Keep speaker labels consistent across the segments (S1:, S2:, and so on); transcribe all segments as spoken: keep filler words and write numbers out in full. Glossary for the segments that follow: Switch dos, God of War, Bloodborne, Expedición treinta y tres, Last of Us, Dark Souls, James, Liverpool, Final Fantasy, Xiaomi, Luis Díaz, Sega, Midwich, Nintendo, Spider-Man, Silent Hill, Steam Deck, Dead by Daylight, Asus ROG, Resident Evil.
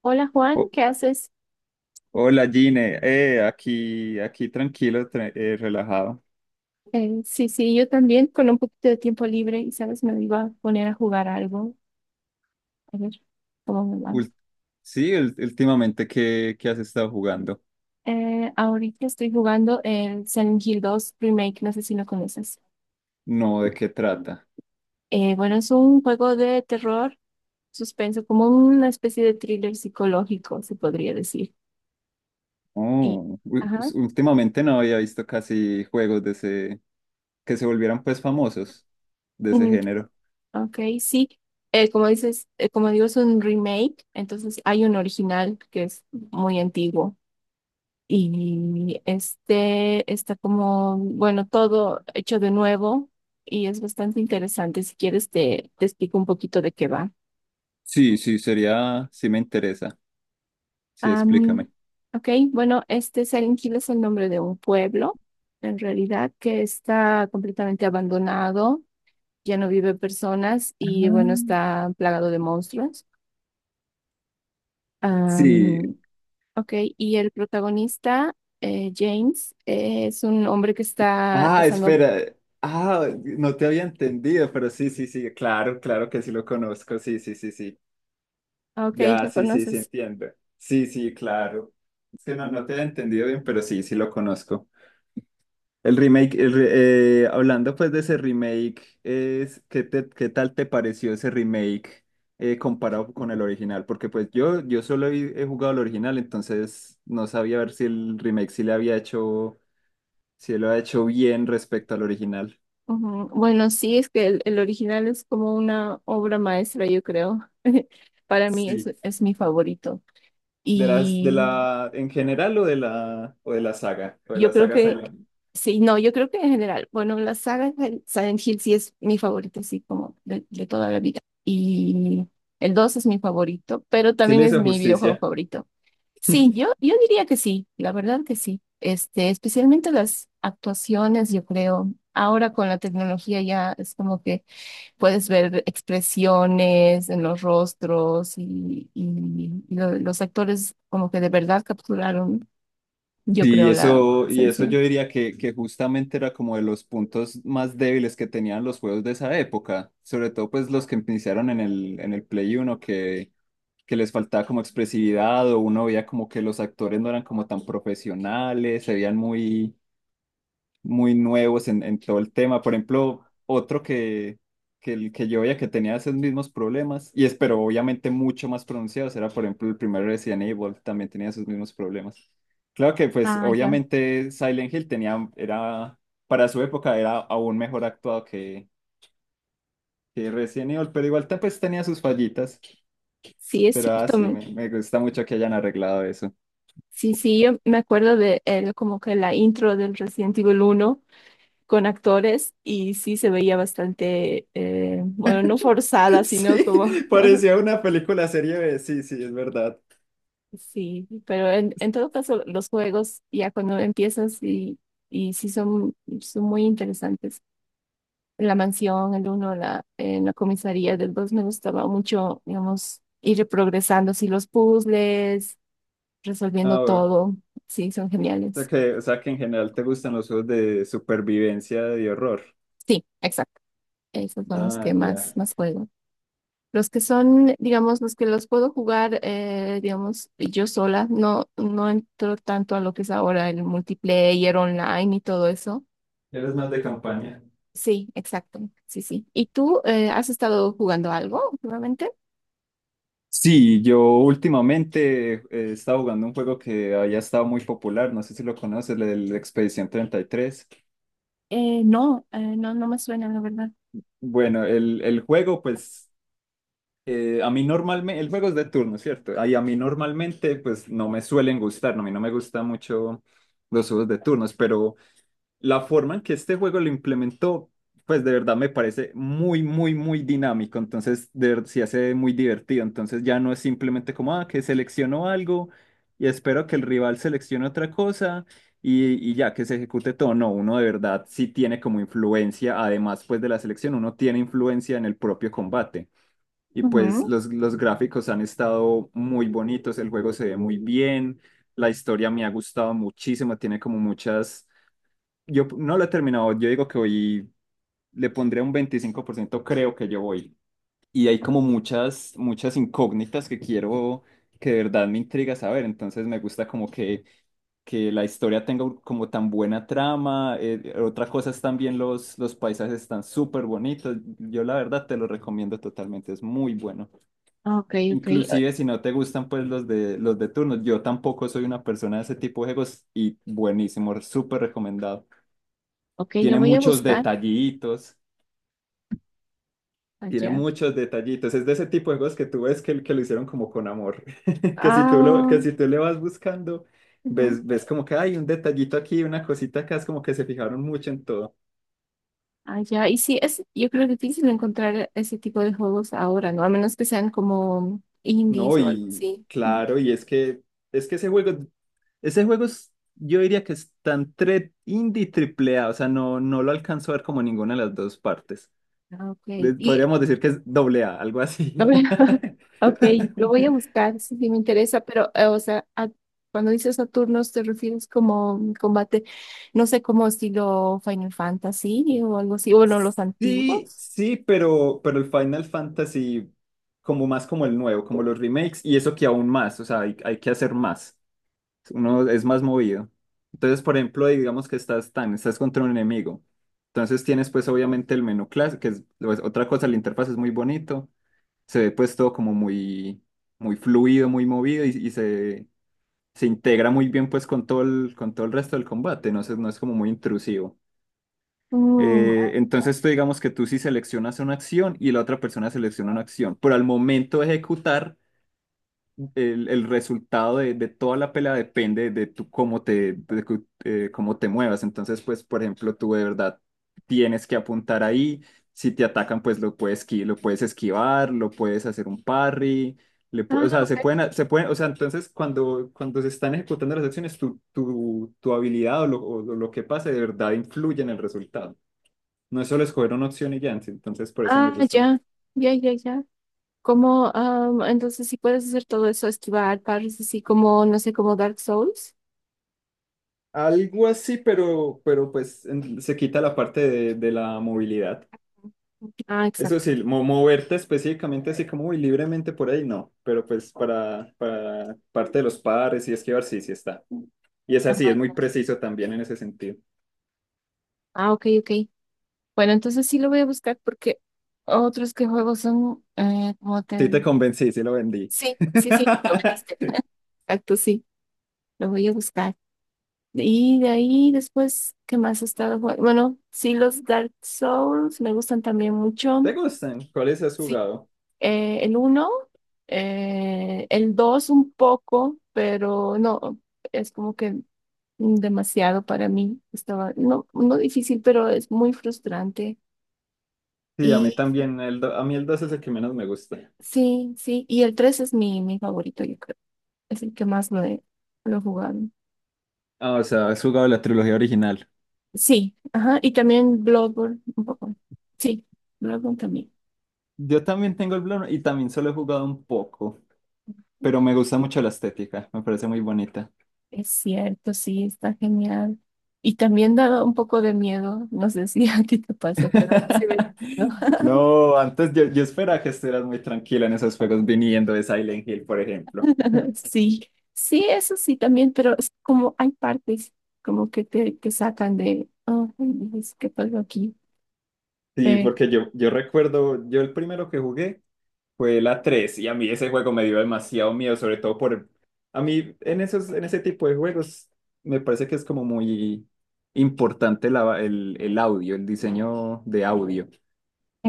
S1: Hola Juan,
S2: Ho-
S1: ¿qué haces?
S2: Hola Gine, eh, aquí, aquí tranquilo, tra- eh, relajado.
S1: Eh, sí, sí, yo también con un poquito de tiempo libre y sabes, me iba a poner a jugar algo. A ver cómo me va.
S2: Ul- sí, ul- últimamente, ¿qué, qué has estado jugando?
S1: Eh, ahorita estoy jugando el Silent Hill dos Remake, no sé si lo conoces.
S2: No, ¿de qué trata?
S1: Eh, bueno, es un juego de terror, suspenso, como una especie de thriller psicológico, se podría decir. Y,
S2: Oh, u-
S1: ajá,
S2: us- últimamente no había visto casi juegos de ese, que se volvieran pues famosos de ese
S1: mm,
S2: género.
S1: ok, sí. Eh, como dices, eh, como digo, es un remake, entonces hay un original que es muy antiguo. Y este está como, bueno, todo hecho de nuevo y es bastante interesante. Si quieres, te, te explico un poquito de qué va.
S2: Sí, sí, sería, sí me interesa. Sí,
S1: Am,
S2: explícame.
S1: ok, bueno, este Silent Hill es el nombre de un pueblo, en realidad, que está completamente abandonado, ya no vive personas
S2: Ah.
S1: y bueno, está plagado de monstruos.
S2: Sí.
S1: Am, ok, y el protagonista, eh, James, eh, es un hombre que está
S2: Ah,
S1: pasando...
S2: espera. Ah, no te había entendido, pero sí, sí, sí, claro, claro que sí lo conozco. Sí, sí, sí, sí.
S1: Ah, ok,
S2: Ya,
S1: lo
S2: sí, sí, sí,
S1: conoces.
S2: entiendo. Sí, sí, claro. Es que no, no te he entendido bien, pero sí, sí lo conozco. El remake, el re- eh, hablando pues de ese remake, es, ¿qué te- qué tal te pareció ese remake eh, comparado con el original? Porque pues yo, yo solo he, he jugado el original, entonces no sabía ver si el remake sí le había hecho, si lo ha hecho bien respecto al original.
S1: Ujú. Bueno, sí, es que el, el original es como una obra maestra, yo creo. Para mí es,
S2: Sí.
S1: es mi favorito.
S2: De las, de
S1: Y
S2: la, En general o de la, o de la saga, o de
S1: yo
S2: la
S1: creo
S2: saga
S1: que,
S2: Silent Hill.
S1: sí, no, yo creo que en general, bueno, la saga de Silent Hill sí es mi favorita, sí como de, de toda la vida. Y el dos es mi favorito, pero
S2: Sí
S1: también
S2: le
S1: es
S2: hizo
S1: mi videojuego
S2: justicia.
S1: favorito. Sí, yo, yo diría que sí, la verdad que sí. Este, especialmente las actuaciones, yo creo. Ahora con la tecnología ya es como que puedes ver expresiones en los rostros y, y- y lo- los actores como que de verdad capturaron, yo
S2: Y
S1: creo, la
S2: eso, y eso
S1: esencia.
S2: yo diría que, que justamente era como de los puntos más débiles que tenían los juegos de esa época, sobre todo pues los que iniciaron en el, en el Play uno, que, que les faltaba como expresividad, o uno veía como que los actores no eran como tan profesionales, se veían muy, muy nuevos en, en todo el tema. Por ejemplo, otro que, que, el que yo veía que tenía esos mismos problemas, y es, pero obviamente mucho más pronunciados, era por ejemplo el primer Resident Evil, también tenía esos mismos problemas. Claro que pues
S1: Ah, ya.
S2: obviamente Silent Hill tenía, era, para su época era aún mejor actuado que, que Resident Evil, pero igual te- pues tenía sus fallitas.
S1: Sí, es
S2: Pero
S1: cierto.
S2: así,
S1: me-
S2: me, me gusta mucho que hayan arreglado eso.
S1: Sí, sí, yo me acuerdo de el- como que la intro del Resident Evil uno con actores y sí se veía bastante, eh, bueno, no forzada, sino como...
S2: Sí, parecía una película serie B, sí, sí, es verdad.
S1: Sí, pero en, en, todo caso los juegos ya cuando empiezas y, y sí son, son, muy interesantes. En la mansión, el uno en la, en la comisaría del dos me gustaba mucho, digamos, ir progresando así los puzzles, resolviendo
S2: Ah, bueno.
S1: todo. Sí, son
S2: sea
S1: geniales.
S2: que, o sea que, en general te gustan los juegos de supervivencia y horror.
S1: Sí, exacto. Esos son los que
S2: Ah,
S1: más,
S2: ya.
S1: más juego. Los que son, digamos, los que los puedo jugar, eh, digamos, yo sola, no, no entro tanto a lo que es ahora el multiplayer online y todo eso.
S2: Eres más de campaña.
S1: Sí, exacto. Sí, sí. ¿Y tú, eh, has estado jugando algo últimamente?
S2: Sí, yo últimamente eh, he estado jugando un juego que había estado muy popular, no sé si lo conoces, el, el Expedición treinta y tres.
S1: Eh, no, eh, no, no me suena, la verdad.
S2: Bueno, el, el juego, pues, eh, a mí normalmente, el juego es de turno, ¿cierto? Ahí a mí normalmente, pues, no me suelen gustar, no, a mí no me gustan mucho los juegos de turnos, pero la forma en que este juego lo implementó, pues de verdad me parece muy, muy, muy dinámico. Entonces, de verdad, sí hace muy divertido. Entonces ya no es simplemente como, ah, que selecciono algo y espero que el rival seleccione otra cosa y, y ya que se ejecute todo. No, uno de verdad sí tiene como influencia, además pues de la selección, uno tiene influencia en el propio combate. Y pues
S1: Ujú.
S2: los, los gráficos han estado muy bonitos, el juego se ve muy bien, la historia me ha gustado muchísimo, tiene como muchas, yo no lo he terminado, yo digo que hoy le pondré un veinticinco por ciento creo que yo voy. Y hay como muchas, muchas incógnitas que quiero, que de verdad me intriga saber, entonces me gusta como que, que la historia tenga un- como tan buena trama. Eh, otra cosa es también los, los paisajes están súper bonitos, yo la verdad te lo recomiendo totalmente, es muy bueno.
S1: Ah, ok, ok, o-
S2: Inclusive si no te gustan pues los de, los de turnos, yo tampoco soy una persona de ese tipo de juegos, y buenísimo, súper recomendado,
S1: ok, lo
S2: tiene
S1: voy a
S2: muchos
S1: buscar
S2: detallitos, tiene
S1: allá.
S2: muchos detallitos. Es de ese tipo de juegos que tú ves que, que lo hicieron como con amor. Que si tú lo, que
S1: Ah,
S2: si tú le vas buscando,
S1: ujú,
S2: ves, ves como que hay un detallito aquí, una cosita acá, es como que se fijaron mucho en todo.
S1: allá. Y sí, es, yo creo que es difícil encontrar ese tipo de juegos ahora, ¿no? A menos que sean como indies
S2: No,
S1: o algo
S2: y
S1: así. Ujú.
S2: claro, y es que es que ese juego, ese juego es- yo diría que es tan tre- indie triple A, o sea, no, no lo alcanzo a ver como ninguna de las dos partes.
S1: Ah, ok,
S2: De-
S1: y
S2: podríamos decir que es doble A, algo
S1: no,
S2: así.
S1: bueno, ok, lo voy a buscar si sí me interesa, pero, eh, o sea, a- cuando dices Saturnos, ¿te refieres como un combate, no sé, como estilo Final Fantasy o algo así? O bueno, los
S2: Sí,
S1: antiguos.
S2: sí, pero, pero el Final Fantasy como más como el nuevo, como los remakes, y eso que aún más, o sea, hay, hay que hacer más, uno es más movido. Entonces, por ejemplo, digamos que estás tan, estás contra un enemigo, entonces tienes pues obviamente el menú clásico, que es pues, otra cosa, la interfaz es muy bonito, se ve pues todo como muy, muy fluido, muy movido y, y se, se integra muy bien pues con todo el, con todo el resto del combate, no es, no es como muy intrusivo.
S1: Mm,
S2: Eh, entonces tú digamos que tú sí seleccionas una acción y la otra persona selecciona una acción, pero al momento de ejecutar, el, el resultado de, de toda la pelea depende de tú cómo te, de cu- eh, cómo te muevas. Entonces, pues, por ejemplo, tú de verdad tienes que apuntar ahí. Si te atacan, pues lo puedes, esqui- lo puedes esquivar, lo puedes hacer un parry. Le pu-
S1: ah,
S2: o sea, se pueden,
S1: ok.
S2: a- se pueden, o sea, entonces cuando, cuando se están ejecutando las acciones, tu, tu, tu habilidad o lo, o lo que pase de verdad influye en el resultado. No es solo escoger una opción y ya, entonces por eso me
S1: Ah,
S2: gusta.
S1: ya, ya, ya, ya. Como, am, entonces si puedes hacer todo eso, esquivar, pares así como, no sé, como Dark Souls.
S2: Algo así, pero, pero pues en- se quita la parte de, de la movilidad.
S1: Ah,
S2: Eso
S1: exacto.
S2: sí, mo- moverte específicamente así como muy libremente por ahí, no, pero pues para, para parte de los pares y esquivar, sí, sí está. Y es así, es muy
S1: Ajá.
S2: preciso también en ese sentido.
S1: Ah, ok, ok. Bueno, entonces sí lo voy a buscar porque otros que juego son, eh, como te...
S2: Sí te convencí, sí lo vendí.
S1: Sí, sí, sí, lo viste. Exacto, sí, lo voy a buscar. Y de ahí después, ¿qué más he estado jugando? Bueno, sí, los Dark Souls me gustan también mucho.
S2: ¿Te gustan? ¿Cuáles has
S1: Sí.
S2: jugado?
S1: Eh, el uno, el dos un poco, pero no, es como que demasiado para mí. Estaba, no, no difícil, pero es muy frustrante.
S2: Sí, a mí
S1: Y
S2: también, el do- a mí el dos es el que menos me gusta.
S1: sí, sí, y el tres es mi, mi favorito, yo creo. Es el que más lo he, lo he jugado.
S2: Ah, o sea, has jugado la trilogía original.
S1: Sí, ajá, y también Bloodborne un poco. Sí, Bloodborne también.
S2: Yo también tengo el Bloodborne y también solo he jugado un poco, pero me gusta mucho la estética, me parece muy bonita.
S1: Es cierto, sí, está genial. Y también da un poco de miedo, no sé si a ti te pasa, pero sí me dio miedo.
S2: No, antes yo, yo esperaba que estuvieras muy tranquila en esos juegos viniendo de Silent Hill, por ejemplo.
S1: Sí, sí, eso sí también, pero es como hay partes como que te, te sacan de, oh, dices, ¿qué pasó aquí?
S2: Sí,
S1: Eh,
S2: porque yo, yo recuerdo, yo el primero que jugué fue la tres y a mí ese juego me dio demasiado miedo, sobre todo por... A mí en esos, en ese tipo de juegos me parece que es como muy importante la- el, el audio, el diseño de audio.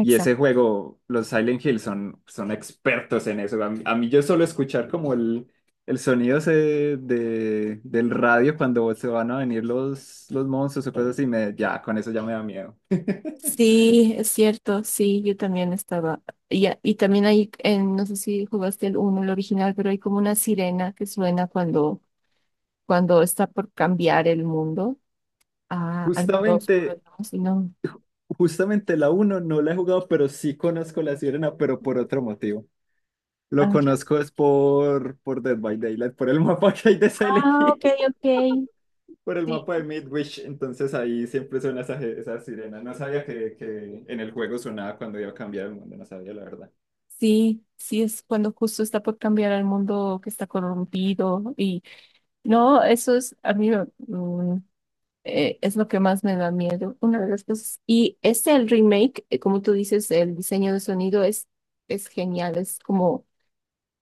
S2: Y ese juego, los Silent Hill son, son expertos en eso. A mí, a mí yo solo escuchar como el, el sonido ese de, del radio cuando se van a venir los, los monstruos o cosas así, me, ya, con eso ya me da miedo.
S1: Sí, es cierto, sí, yo también estaba, y, a- y también hay, en, no sé si jugaste el uno, el original, pero hay como una sirena que suena cuando, cuando está por cambiar el mundo a, al mundo oscuro,
S2: Justamente,
S1: ¿no? Si no,
S2: justamente la uno no la he jugado, pero sí conozco la sirena, pero por otro motivo. Lo
S1: ah, ya.
S2: conozco es por, por Dead by Daylight, por el mapa que hay de Silent
S1: Ah,
S2: Hill.
S1: ok, ok.
S2: Por el
S1: Sí,
S2: mapa de Midwich, entonces ahí siempre suena esa, esa sirena. No sabía que, que en el juego sonaba cuando iba a cambiar el mundo, no sabía la verdad.
S1: sí, sí, es cuando justo está por cambiar al mundo que está corrompido y no, eso es, a mí me- mm, eh, es lo que más me da miedo, una de las cosas. Y este, el remake, eh, como tú dices, el diseño de sonido es, es genial, es como,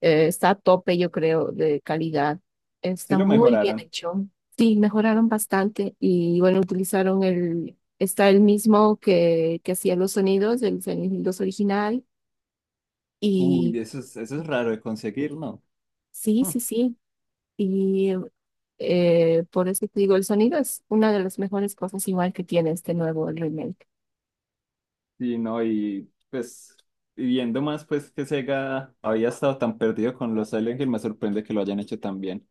S1: eh, está a tope, yo creo, de calidad.
S2: Sí
S1: Está
S2: lo
S1: muy bien
S2: mejoraron.
S1: hecho. Sí, mejoraron bastante y bueno, utilizaron el, está el mismo que, que hacía los sonidos, el sonidos original. Y
S2: Uy, eso es, eso es raro de conseguir, ¿no?
S1: sí,
S2: Hmm.
S1: sí, sí. Y Eh, por eso te digo, el sonido es una de las mejores cosas igual que tiene este nuevo remake.
S2: Sí, no, y pues y viendo más pues que Sega había estado tan perdido con los Silent Hill, me sorprende que lo hayan hecho tan bien.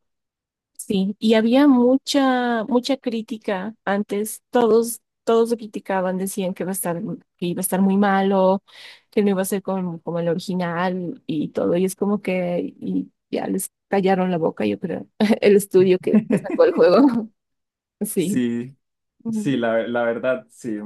S1: Sí, y había mucha, mucha crítica antes. Todos, todos lo criticaban, decían que iba a estar, que iba a estar muy malo, que no iba a ser como, como el original y todo. Y es como que y ya les callaron la boca, yo creo, el estudio que, que sacó el juego. Sí.
S2: Sí, sí,
S1: Ujú.
S2: la, la verdad, sí,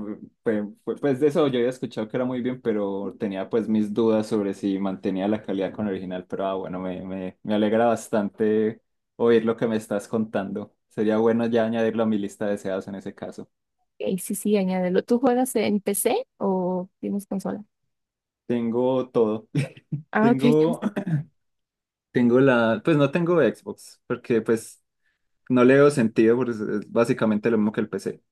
S2: pues fue- pues de eso yo había escuchado que era muy bien, pero tenía pues mis dudas sobre si mantenía la calidad con el original, pero ah, bueno, me, me, me alegra bastante oír lo que me estás contando. Sería bueno ya añadirlo a mi lista de deseados en ese caso.
S1: Y sí, sí, añádelo. ¿Tú juegas en P C o tienes consola?
S2: Tengo todo.
S1: Ah, ok, ya
S2: Tengo,
S1: está,
S2: tengo la, pues no tengo Xbox, porque pues no le veo sentido, porque es es básicamente lo mismo que el P C.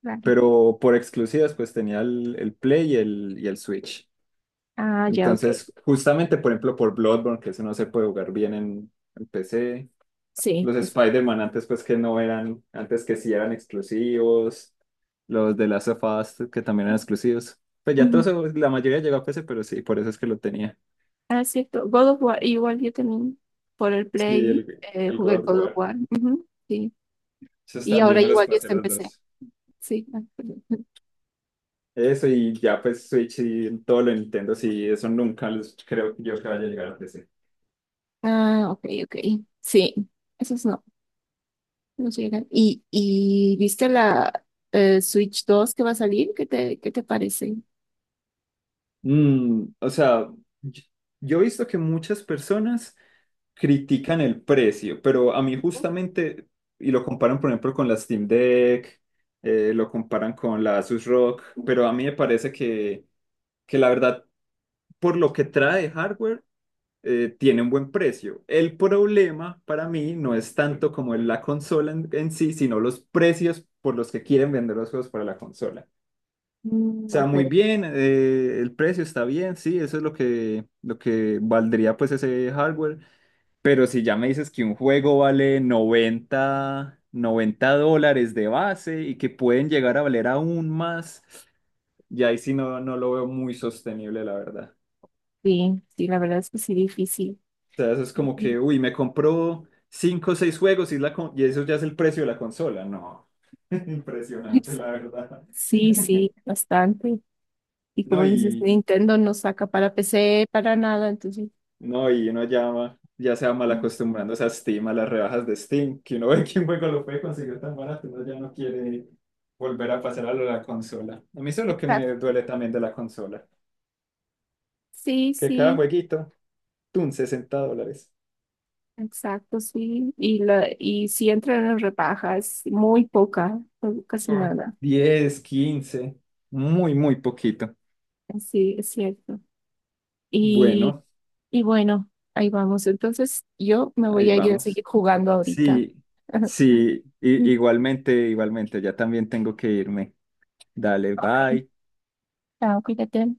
S1: claro.
S2: Pero por exclusivas, pues tenía el, el Play y el, y el Switch.
S1: Ah, ya, ok.
S2: Entonces, justamente, por ejemplo, por Bloodborne, que eso no se puede jugar bien en, en P C.
S1: Sí.
S2: Los
S1: es-
S2: Spider-Man antes, pues que no eran, antes que sí eran exclusivos. Los de Last of Us, que también eran exclusivos. Pues ya todo
S1: Ujú.
S2: eso, la mayoría llegó a P C, pero sí, por eso es que lo tenía.
S1: Ah, es cierto. God of War, igual yo también por el
S2: Sí,
S1: Play
S2: el,
S1: eh,
S2: el God
S1: jugué
S2: of
S1: God of
S2: War.
S1: War. Ujú, sí.
S2: Esos
S1: Y
S2: también
S1: ahora
S2: me los
S1: igual yo
S2: pasé
S1: está en
S2: los
S1: P C.
S2: dos.
S1: Sí. Ah, perdón.
S2: Eso y ya pues Switch y todo lo de Nintendo, sí, eso nunca los- creo yo que vaya a llegar a P C.
S1: Ah, ok, ok. Sí. Esos no, no llegan. ¿Y, y viste la eh, Switch dos que va a salir? ¿Qué te, qué te parece?
S2: Mm, o sea, yo yo he visto que muchas personas critican el precio, pero a mí justamente, y lo comparan por ejemplo con la Steam Deck, eh, lo comparan con la Asus R O G, pero a mí me parece que, que la verdad, por lo que trae hardware, eh, tiene un buen precio. El problema para mí no es tanto como la consola en, en sí, sino los precios por los que quieren vender los juegos para la consola.
S1: Mm,
S2: O sea, muy
S1: ok.
S2: bien, eh, el precio está bien, sí, eso es lo que, lo que valdría pues ese hardware, pero si ya me dices que un juego vale noventa noventa dólares de base y que pueden llegar a valer aún más, ya ahí sí no, no lo veo muy sostenible, la verdad.
S1: Sí, sí, la verdad es que sí, difícil.
S2: O sea, eso es como
S1: Y-
S2: que, uy, me compró cinco o seis juegos y, es la con- y eso ya es el precio de la consola. No. Impresionante, la verdad.
S1: Sí, sí, bastante. Y
S2: No,
S1: como dices,
S2: y,
S1: Nintendo no saca para P C, para nada, entonces.
S2: No, y uno llama, ya se va mal acostumbrándose a Steam, a las rebajas de Steam, que uno ve que un juego lo puede conseguir tan barato, uno ya no quiere volver a pasar a lo de la consola. A mí eso es lo que me
S1: Exacto.
S2: duele también de la consola,
S1: Sí,
S2: que cada
S1: sí,
S2: jueguito, tun, sesenta dólares.
S1: exacto, sí. Y, la, y si entran en rebajas, muy poca, o casi
S2: Ah.
S1: nada.
S2: diez, quince, muy, muy poquito.
S1: Sí, es cierto. Y,
S2: Bueno,
S1: y bueno, ahí vamos. Entonces, yo me voy
S2: ahí
S1: a ir a
S2: vamos.
S1: seguir jugando ahorita.
S2: Sí, sí, i- igualmente, igualmente, ya también tengo que irme. Dale,
S1: Ok,
S2: bye.
S1: chao, cuídate.